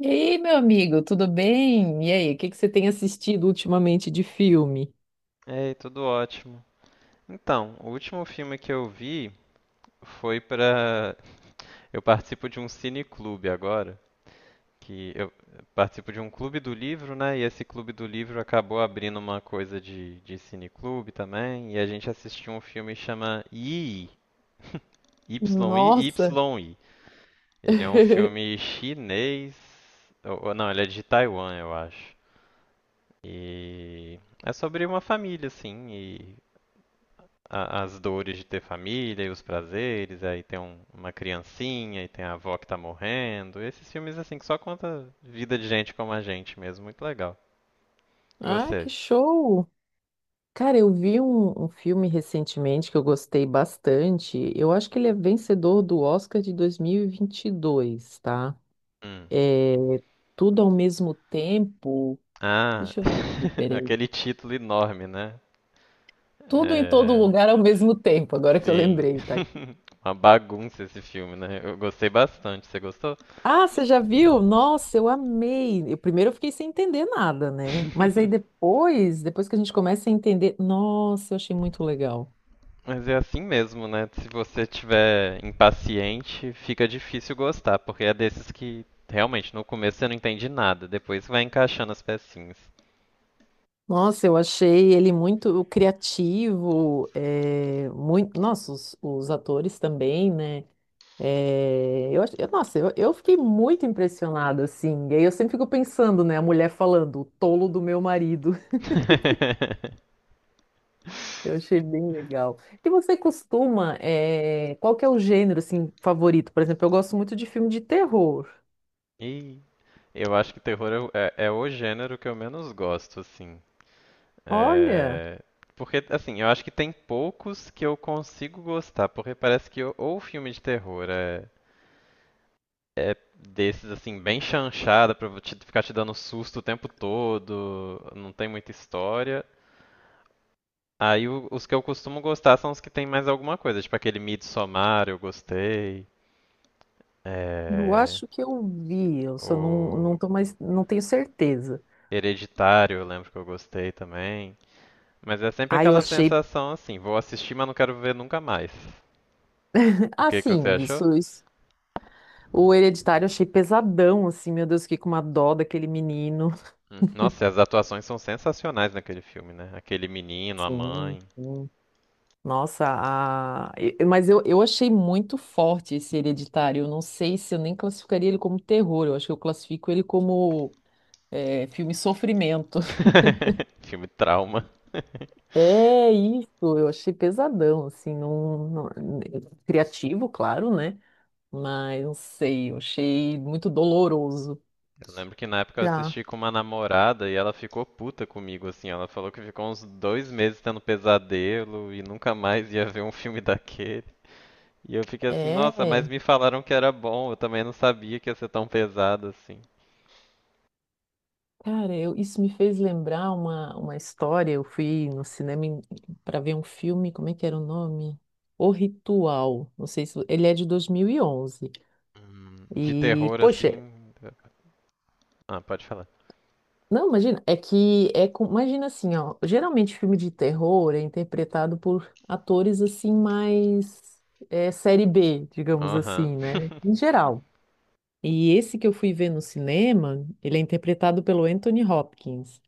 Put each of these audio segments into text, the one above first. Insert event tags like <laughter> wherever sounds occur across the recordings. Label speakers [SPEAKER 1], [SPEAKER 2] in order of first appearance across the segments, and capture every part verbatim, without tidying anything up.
[SPEAKER 1] E aí, meu amigo, tudo bem? E aí, o que que você tem assistido ultimamente de filme?
[SPEAKER 2] Ei, tudo ótimo. Então, o último filme que eu vi foi pra. Eu participo de um cineclube agora, que eu participo de um clube do livro, né? E esse clube do livro acabou abrindo uma coisa de, de cineclube também, e a gente assistiu um filme que chama Yi,
[SPEAKER 1] Nossa!
[SPEAKER 2] Y-I-Y-I. Ele é um
[SPEAKER 1] <laughs>
[SPEAKER 2] filme chinês, ou ou não, ele é de Taiwan, eu acho. E é sobre uma família, assim, a- as dores de ter família e os prazeres, aí tem um- uma criancinha e tem a avó que tá morrendo. Esses filmes assim que só conta vida de gente como a gente mesmo, muito legal. E
[SPEAKER 1] Ah,
[SPEAKER 2] você?
[SPEAKER 1] que show! Cara, eu vi um, um filme recentemente que eu gostei bastante. Eu acho que ele é vencedor do Oscar de dois mil e e vinte e dois, tá?
[SPEAKER 2] Hum.
[SPEAKER 1] É tudo ao mesmo tempo.
[SPEAKER 2] Ah,
[SPEAKER 1] Deixa eu ver aqui,
[SPEAKER 2] <laughs>
[SPEAKER 1] peraí.
[SPEAKER 2] aquele título enorme, né?
[SPEAKER 1] Tudo em todo lugar ao mesmo tempo, agora que eu
[SPEAKER 2] Sim,
[SPEAKER 1] lembrei, tá?
[SPEAKER 2] <laughs> uma bagunça esse filme, né? Eu gostei bastante. Você gostou?
[SPEAKER 1] Ah, você já viu? Nossa, eu amei. Eu primeiro eu fiquei sem entender nada, né? Mas aí
[SPEAKER 2] <laughs>
[SPEAKER 1] depois, depois que a gente começa a entender, nossa, eu achei muito legal.
[SPEAKER 2] Mas é assim mesmo, né? Se você tiver impaciente, fica difícil gostar, porque é desses que realmente no começo você não entende nada, depois vai encaixando as pecinhas.
[SPEAKER 1] Nossa, eu achei ele muito criativo, é, muito, nossa, os, os atores também, né? É, eu, ach- eu- nossa, eu, eu fiquei muito impressionada, assim. E aí eu sempre fico pensando, né? A mulher falando, o tolo do meu marido.
[SPEAKER 2] <laughs>
[SPEAKER 1] Eu achei bem legal. E você costuma, eh, qual que é o gênero assim favorito? Por exemplo, eu gosto muito de filme de terror.
[SPEAKER 2] E eu acho que terror é, o- é- é o gênero que eu menos gosto, assim.
[SPEAKER 1] Olha,
[SPEAKER 2] É. Porque, assim, eu acho que tem poucos que eu consigo gostar, porque parece que ou ou o filme de terror é, é desses, assim, bem chanchada pra vo- te- ficar te dando susto o tempo todo, não tem muita história. Aí o- os que eu costumo gostar são os que tem mais alguma coisa, tipo aquele Midsommar, eu gostei.
[SPEAKER 1] eu
[SPEAKER 2] É...
[SPEAKER 1] acho que eu vi, eu só não,
[SPEAKER 2] O...
[SPEAKER 1] não tô mais, não tenho certeza.
[SPEAKER 2] Hereditário, eu lembro que eu gostei também. Mas é sempre
[SPEAKER 1] Ah, eu
[SPEAKER 2] aquela
[SPEAKER 1] achei,
[SPEAKER 2] sensação assim, vou assistir, mas não quero ver nunca mais. O
[SPEAKER 1] ah,
[SPEAKER 2] que que você
[SPEAKER 1] sim,
[SPEAKER 2] achou?
[SPEAKER 1] isso, isso. O Hereditário eu achei pesadão, assim, meu Deus, fiquei com uma dó daquele menino.
[SPEAKER 2] Hum. Nossa, e as atuações são sensacionais naquele filme, né? Aquele menino, a
[SPEAKER 1] Sim,
[SPEAKER 2] mãe.
[SPEAKER 1] sim. Nossa, a... e- mas eu, eu achei muito forte esse Hereditário. Eu não sei se eu nem classificaria ele como terror, eu acho que eu classifico ele como é, filme Sofrimento. <laughs>
[SPEAKER 2] <laughs> Filme trauma.
[SPEAKER 1] É isso, eu achei pesadão, assim, não, não- criativo, claro, né? Mas não sei, eu achei muito doloroso.
[SPEAKER 2] Eu lembro que na época eu
[SPEAKER 1] Já.
[SPEAKER 2] assisti com uma namorada e ela ficou puta comigo, assim. Ela falou que ficou uns dois meses tendo pesadelo e nunca mais ia ver um filme daquele. E eu fiquei assim, nossa, mas
[SPEAKER 1] É,
[SPEAKER 2] me falaram que era bom, eu também não sabia que ia ser tão pesado assim.
[SPEAKER 1] cara, eu- isso me fez lembrar uma, uma história. Eu fui no cinema para ver um filme, como é que era o nome? O Ritual. Não sei se ele é de dois mil e onze. E,
[SPEAKER 2] Hum, de
[SPEAKER 1] onze. E,
[SPEAKER 2] terror,
[SPEAKER 1] poxa,
[SPEAKER 2] assim. Ah, pode falar.
[SPEAKER 1] não, imagina, é que é com, imagina assim, ó, geralmente filme de terror é interpretado por atores assim mais é, série B, digamos
[SPEAKER 2] Aham.
[SPEAKER 1] assim, né?
[SPEAKER 2] <laughs>
[SPEAKER 1] Em geral. E esse que eu fui ver no cinema, ele é interpretado pelo Anthony Hopkins.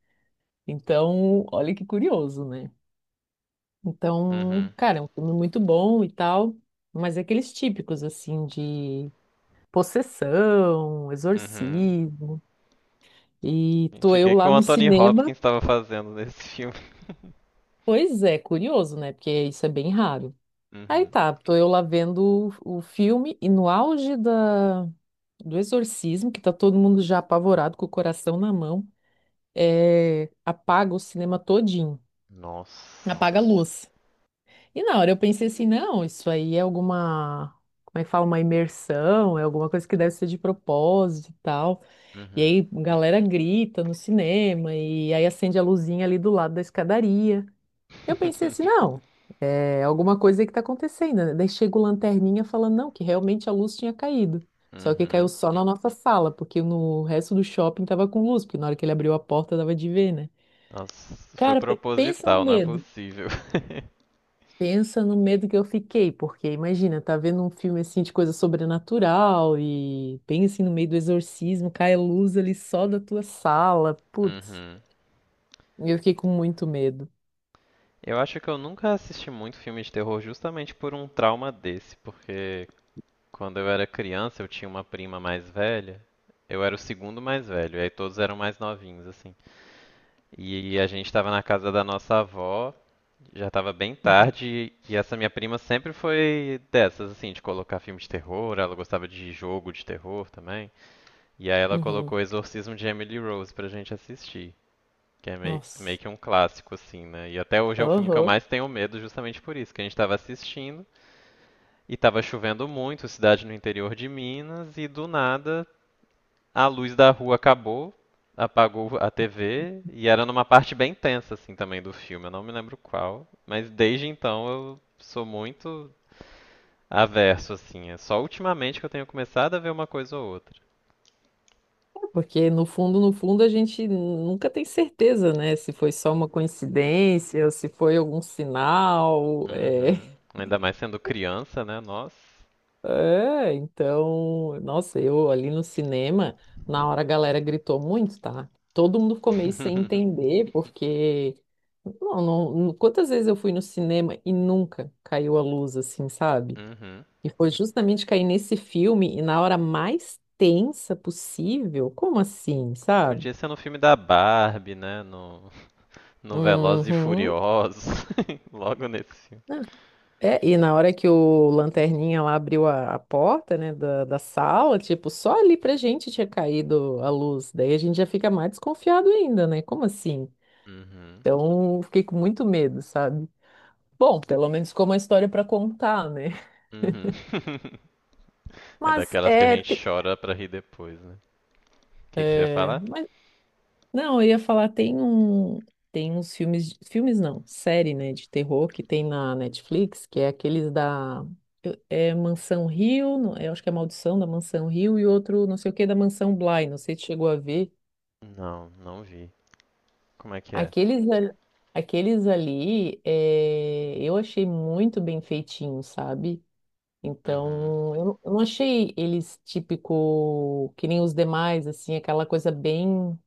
[SPEAKER 1] Então, olha que curioso, né? Então,
[SPEAKER 2] Uhum.
[SPEAKER 1] cara, é um filme muito bom e tal, mas é aqueles típicos assim de possessão,
[SPEAKER 2] Uhum.
[SPEAKER 1] exorcismo. E
[SPEAKER 2] Gente,
[SPEAKER 1] tô
[SPEAKER 2] o
[SPEAKER 1] eu
[SPEAKER 2] que, que
[SPEAKER 1] lá
[SPEAKER 2] o
[SPEAKER 1] no
[SPEAKER 2] Anthony
[SPEAKER 1] cinema.
[SPEAKER 2] Hopkins estava fazendo nesse filme?
[SPEAKER 1] Pois é, curioso, né? Porque isso é bem raro. Aí
[SPEAKER 2] Uhum.
[SPEAKER 1] tá, tô eu lá vendo o, o filme e no auge da, do exorcismo, que tá todo mundo já apavorado com o coração na mão, é, apaga o cinema todinho,
[SPEAKER 2] Nossa.
[SPEAKER 1] apaga a luz. E na hora eu pensei assim, não, isso aí é alguma, como é que fala, uma imersão, é alguma coisa que deve ser de propósito e tal. E
[SPEAKER 2] Uhum.
[SPEAKER 1] aí a galera grita no cinema e aí acende a luzinha ali do lado da escadaria. Eu pensei assim,
[SPEAKER 2] <laughs>
[SPEAKER 1] não. É alguma coisa aí que tá acontecendo, né? Daí chega o lanterninha falando, não, que realmente a luz tinha caído. Só que caiu
[SPEAKER 2] Uhum.
[SPEAKER 1] só na nossa sala, porque no resto do shopping tava com luz, porque na hora que ele abriu a porta dava de ver, né?
[SPEAKER 2] Nossa, foi
[SPEAKER 1] Cara, pe- pensa no
[SPEAKER 2] proposital, não é
[SPEAKER 1] medo.
[SPEAKER 2] possível. <laughs>
[SPEAKER 1] Pensa no medo que eu fiquei, porque imagina, tá vendo um filme assim de coisa sobrenatural e pensa assim, no meio do exorcismo, cai a luz ali só da tua sala. Putz,
[SPEAKER 2] Uhum.
[SPEAKER 1] eu fiquei com muito medo.
[SPEAKER 2] Eu acho que eu nunca assisti muito filme de terror justamente por um trauma desse, porque quando eu era criança eu tinha uma prima mais velha, eu era o segundo mais velho, e aí todos eram mais novinhos, assim. E a gente estava na casa da nossa avó, já estava bem
[SPEAKER 1] Uhum.
[SPEAKER 2] tarde, e essa minha prima sempre foi dessas, assim, de colocar filme de terror, ela gostava de jogo de terror também. E aí ela
[SPEAKER 1] Uhum.
[SPEAKER 2] colocou Exorcismo de Emily Rose pra gente assistir, que é mei- meio
[SPEAKER 1] Nossa.
[SPEAKER 2] que um clássico, assim, né? E até hoje é o filme que eu
[SPEAKER 1] Aham.
[SPEAKER 2] mais tenho medo justamente por isso, que a gente estava assistindo e estava chovendo muito, cidade no interior de Minas, e do nada a luz da rua acabou, apagou a T V e era numa parte bem tensa assim também do filme, eu não me lembro qual, mas desde então eu sou muito averso assim, é só ultimamente que eu tenho começado a ver uma coisa ou outra.
[SPEAKER 1] Porque no fundo, no fundo, a gente nunca tem certeza, né? Se foi só uma coincidência, ou se foi algum sinal. É.
[SPEAKER 2] Uhum. Ainda mais sendo criança, né? Nossa.
[SPEAKER 1] É, então, nossa, eu ali no cinema, na hora a galera gritou muito, tá? Todo mundo ficou meio sem
[SPEAKER 2] <laughs>
[SPEAKER 1] entender, porque não, não, não- quantas vezes eu fui no cinema e nunca caiu a luz assim, sabe?
[SPEAKER 2] Uhum.
[SPEAKER 1] E foi justamente cair nesse filme e na hora mais tensa possível. Como assim, sabe?
[SPEAKER 2] Podia ser no filme da Barbie, né? No, no Velozes e
[SPEAKER 1] Uhum.
[SPEAKER 2] Furiosos, <laughs> logo nesse.
[SPEAKER 1] É, e na hora que o lanterninha lá abriu a, a porta, né, da, da sala, tipo, só ali pra gente tinha caído a luz. Daí a gente já fica mais desconfiado ainda, né? Como assim?
[SPEAKER 2] Uhum.
[SPEAKER 1] Então, fiquei com muito medo, sabe? Bom, pelo menos ficou uma história pra contar, né?
[SPEAKER 2] Uhum. <laughs> É
[SPEAKER 1] Mas
[SPEAKER 2] daquelas que a
[SPEAKER 1] é, te-
[SPEAKER 2] gente chora pra rir depois, né? O
[SPEAKER 1] <laughs>
[SPEAKER 2] que que você ia
[SPEAKER 1] é,
[SPEAKER 2] falar?
[SPEAKER 1] mas Não, eu ia falar, tem um, tem uns filmes, filmes não, série, né, de terror que tem na Netflix, que é aqueles da eu- é Mansão Rio, não- eu acho que é Maldição da Mansão Rio e outro não sei o que da Mansão Bly, não sei se chegou a ver.
[SPEAKER 2] Não, não vi. Como é que é?
[SPEAKER 1] Aqueles, al- aqueles ali, é, eu achei muito bem feitinho, sabe?
[SPEAKER 2] Uhum,
[SPEAKER 1] Então, eu não eu não achei eles típico que nem os demais, assim, aquela coisa bem,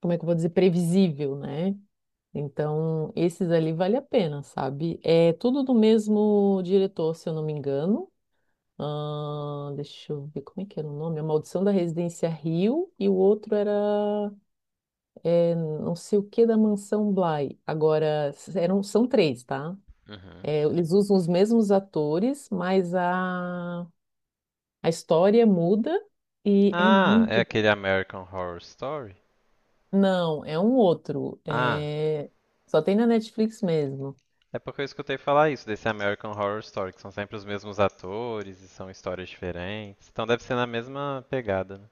[SPEAKER 1] como é que eu vou dizer, previsível, né? Então, esses ali vale a pena, sabe? É tudo do mesmo diretor, se eu não me engano. Ahn, deixa eu ver como é que era o nome. A Maldição da Residência Rio e o outro era é, não sei o que da Mansão Bly. Agora, s- eram, são três, tá?
[SPEAKER 2] uhum.
[SPEAKER 1] É, eles usam os mesmos atores, mas a, a história muda e é
[SPEAKER 2] Ah, é
[SPEAKER 1] muito bom.
[SPEAKER 2] aquele American Horror Story?
[SPEAKER 1] Não, é um outro.
[SPEAKER 2] Ah,
[SPEAKER 1] É, só tem na Netflix mesmo.
[SPEAKER 2] é porque eu escutei falar isso desse American Horror Story, que são sempre os mesmos atores e são histórias diferentes. Então deve ser na mesma pegada, né?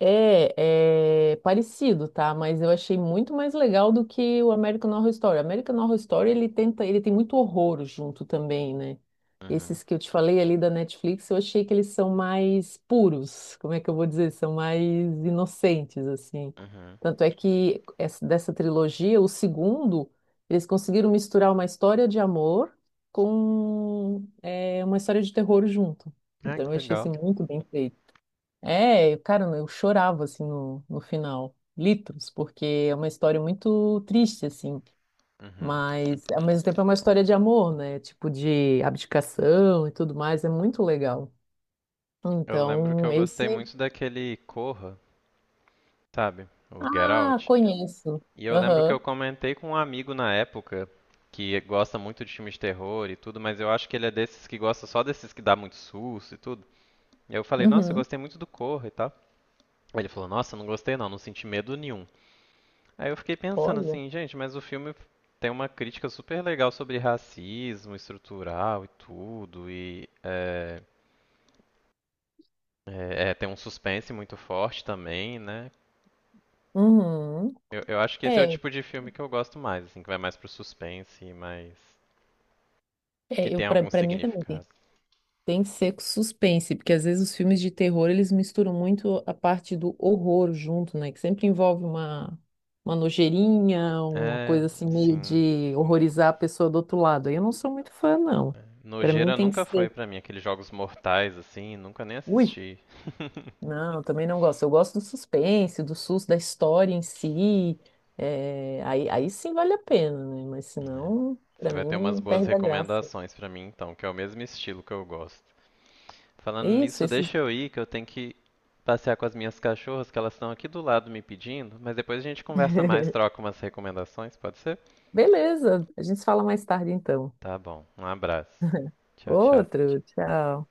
[SPEAKER 1] É, é parecido, tá? Mas eu achei muito mais legal do que o American Horror Story. O American Horror Story, ele tenta, ele tem muito horror junto também, né?
[SPEAKER 2] Uhum,
[SPEAKER 1] Esses que eu te falei ali da Netflix, eu achei que eles são mais puros, como é que eu vou dizer? São mais inocentes, assim.
[SPEAKER 2] uhum.
[SPEAKER 1] Tanto é que essa- dessa trilogia, o segundo, eles conseguiram misturar uma história de amor com é, uma história de terror junto.
[SPEAKER 2] Ah,
[SPEAKER 1] Então
[SPEAKER 2] que
[SPEAKER 1] eu achei assim,
[SPEAKER 2] legal.
[SPEAKER 1] muito bem feito. É, cara, eu chorava assim no, no final, litros, porque é uma história muito triste assim,
[SPEAKER 2] Uhum.
[SPEAKER 1] mas ao mesmo tempo é uma história de amor, né? Tipo de abdicação e tudo mais, é muito legal.
[SPEAKER 2] Eu lembro que
[SPEAKER 1] Então,
[SPEAKER 2] eu
[SPEAKER 1] esse,
[SPEAKER 2] gostei muito daquele Corra, sabe? O Get
[SPEAKER 1] ah,
[SPEAKER 2] Out.
[SPEAKER 1] conheço.
[SPEAKER 2] E eu lembro que
[SPEAKER 1] Aham.
[SPEAKER 2] eu comentei com um amigo na época que gosta muito de filmes de terror e tudo, mas eu acho que ele é desses que gosta só desses que dá muito susto e tudo. E eu falei, nossa, eu
[SPEAKER 1] Uhum.
[SPEAKER 2] gostei muito do Corra e tal. Aí ele falou, nossa, não gostei não, não senti medo nenhum. Aí eu fiquei pensando
[SPEAKER 1] Olha.
[SPEAKER 2] assim, gente, mas o filme tem uma crítica super legal sobre racismo estrutural e tudo, e é, é, é, tem um suspense muito forte também, né?
[SPEAKER 1] Uhum.
[SPEAKER 2] Eu, eu acho que esse é o
[SPEAKER 1] É,
[SPEAKER 2] tipo de filme que eu gosto mais, assim, que vai mais pro suspense e mais que
[SPEAKER 1] é, eu
[SPEAKER 2] tem
[SPEAKER 1] para
[SPEAKER 2] algum
[SPEAKER 1] para mim também tem.
[SPEAKER 2] significado.
[SPEAKER 1] Tem que ser com suspense, porque às vezes os filmes de terror eles misturam muito a parte do horror junto, né? Que sempre envolve uma, uma nojeirinha, uma
[SPEAKER 2] É,
[SPEAKER 1] coisa assim meio
[SPEAKER 2] sim.
[SPEAKER 1] de horrorizar a pessoa do outro lado. Aí eu não sou muito fã, não. Pra mim
[SPEAKER 2] Nojeira
[SPEAKER 1] tem que
[SPEAKER 2] nunca
[SPEAKER 1] ser.
[SPEAKER 2] foi pra mim aqueles jogos mortais assim, nunca nem
[SPEAKER 1] Ui,
[SPEAKER 2] assisti.
[SPEAKER 1] não, eu também não gosto. Eu gosto do suspense, do susto, da história em si. É, aí, aí sim vale a pena, né? Mas
[SPEAKER 2] Né?
[SPEAKER 1] senão,
[SPEAKER 2] Você
[SPEAKER 1] pra
[SPEAKER 2] vai ter umas
[SPEAKER 1] mim,
[SPEAKER 2] boas
[SPEAKER 1] perde a graça.
[SPEAKER 2] recomendações pra mim então, que é o mesmo estilo que eu gosto. Falando
[SPEAKER 1] É isso,
[SPEAKER 2] nisso,
[SPEAKER 1] esses.
[SPEAKER 2] deixa eu ir que eu tenho que passear com as minhas cachorras que elas estão aqui do lado me pedindo, mas depois a gente conversa mais,
[SPEAKER 1] <laughs>
[SPEAKER 2] troca umas recomendações, pode ser?
[SPEAKER 1] Beleza, a gente se fala mais tarde então.
[SPEAKER 2] Tá bom. Um abraço. Tchau, tchau.
[SPEAKER 1] Outro, tchau.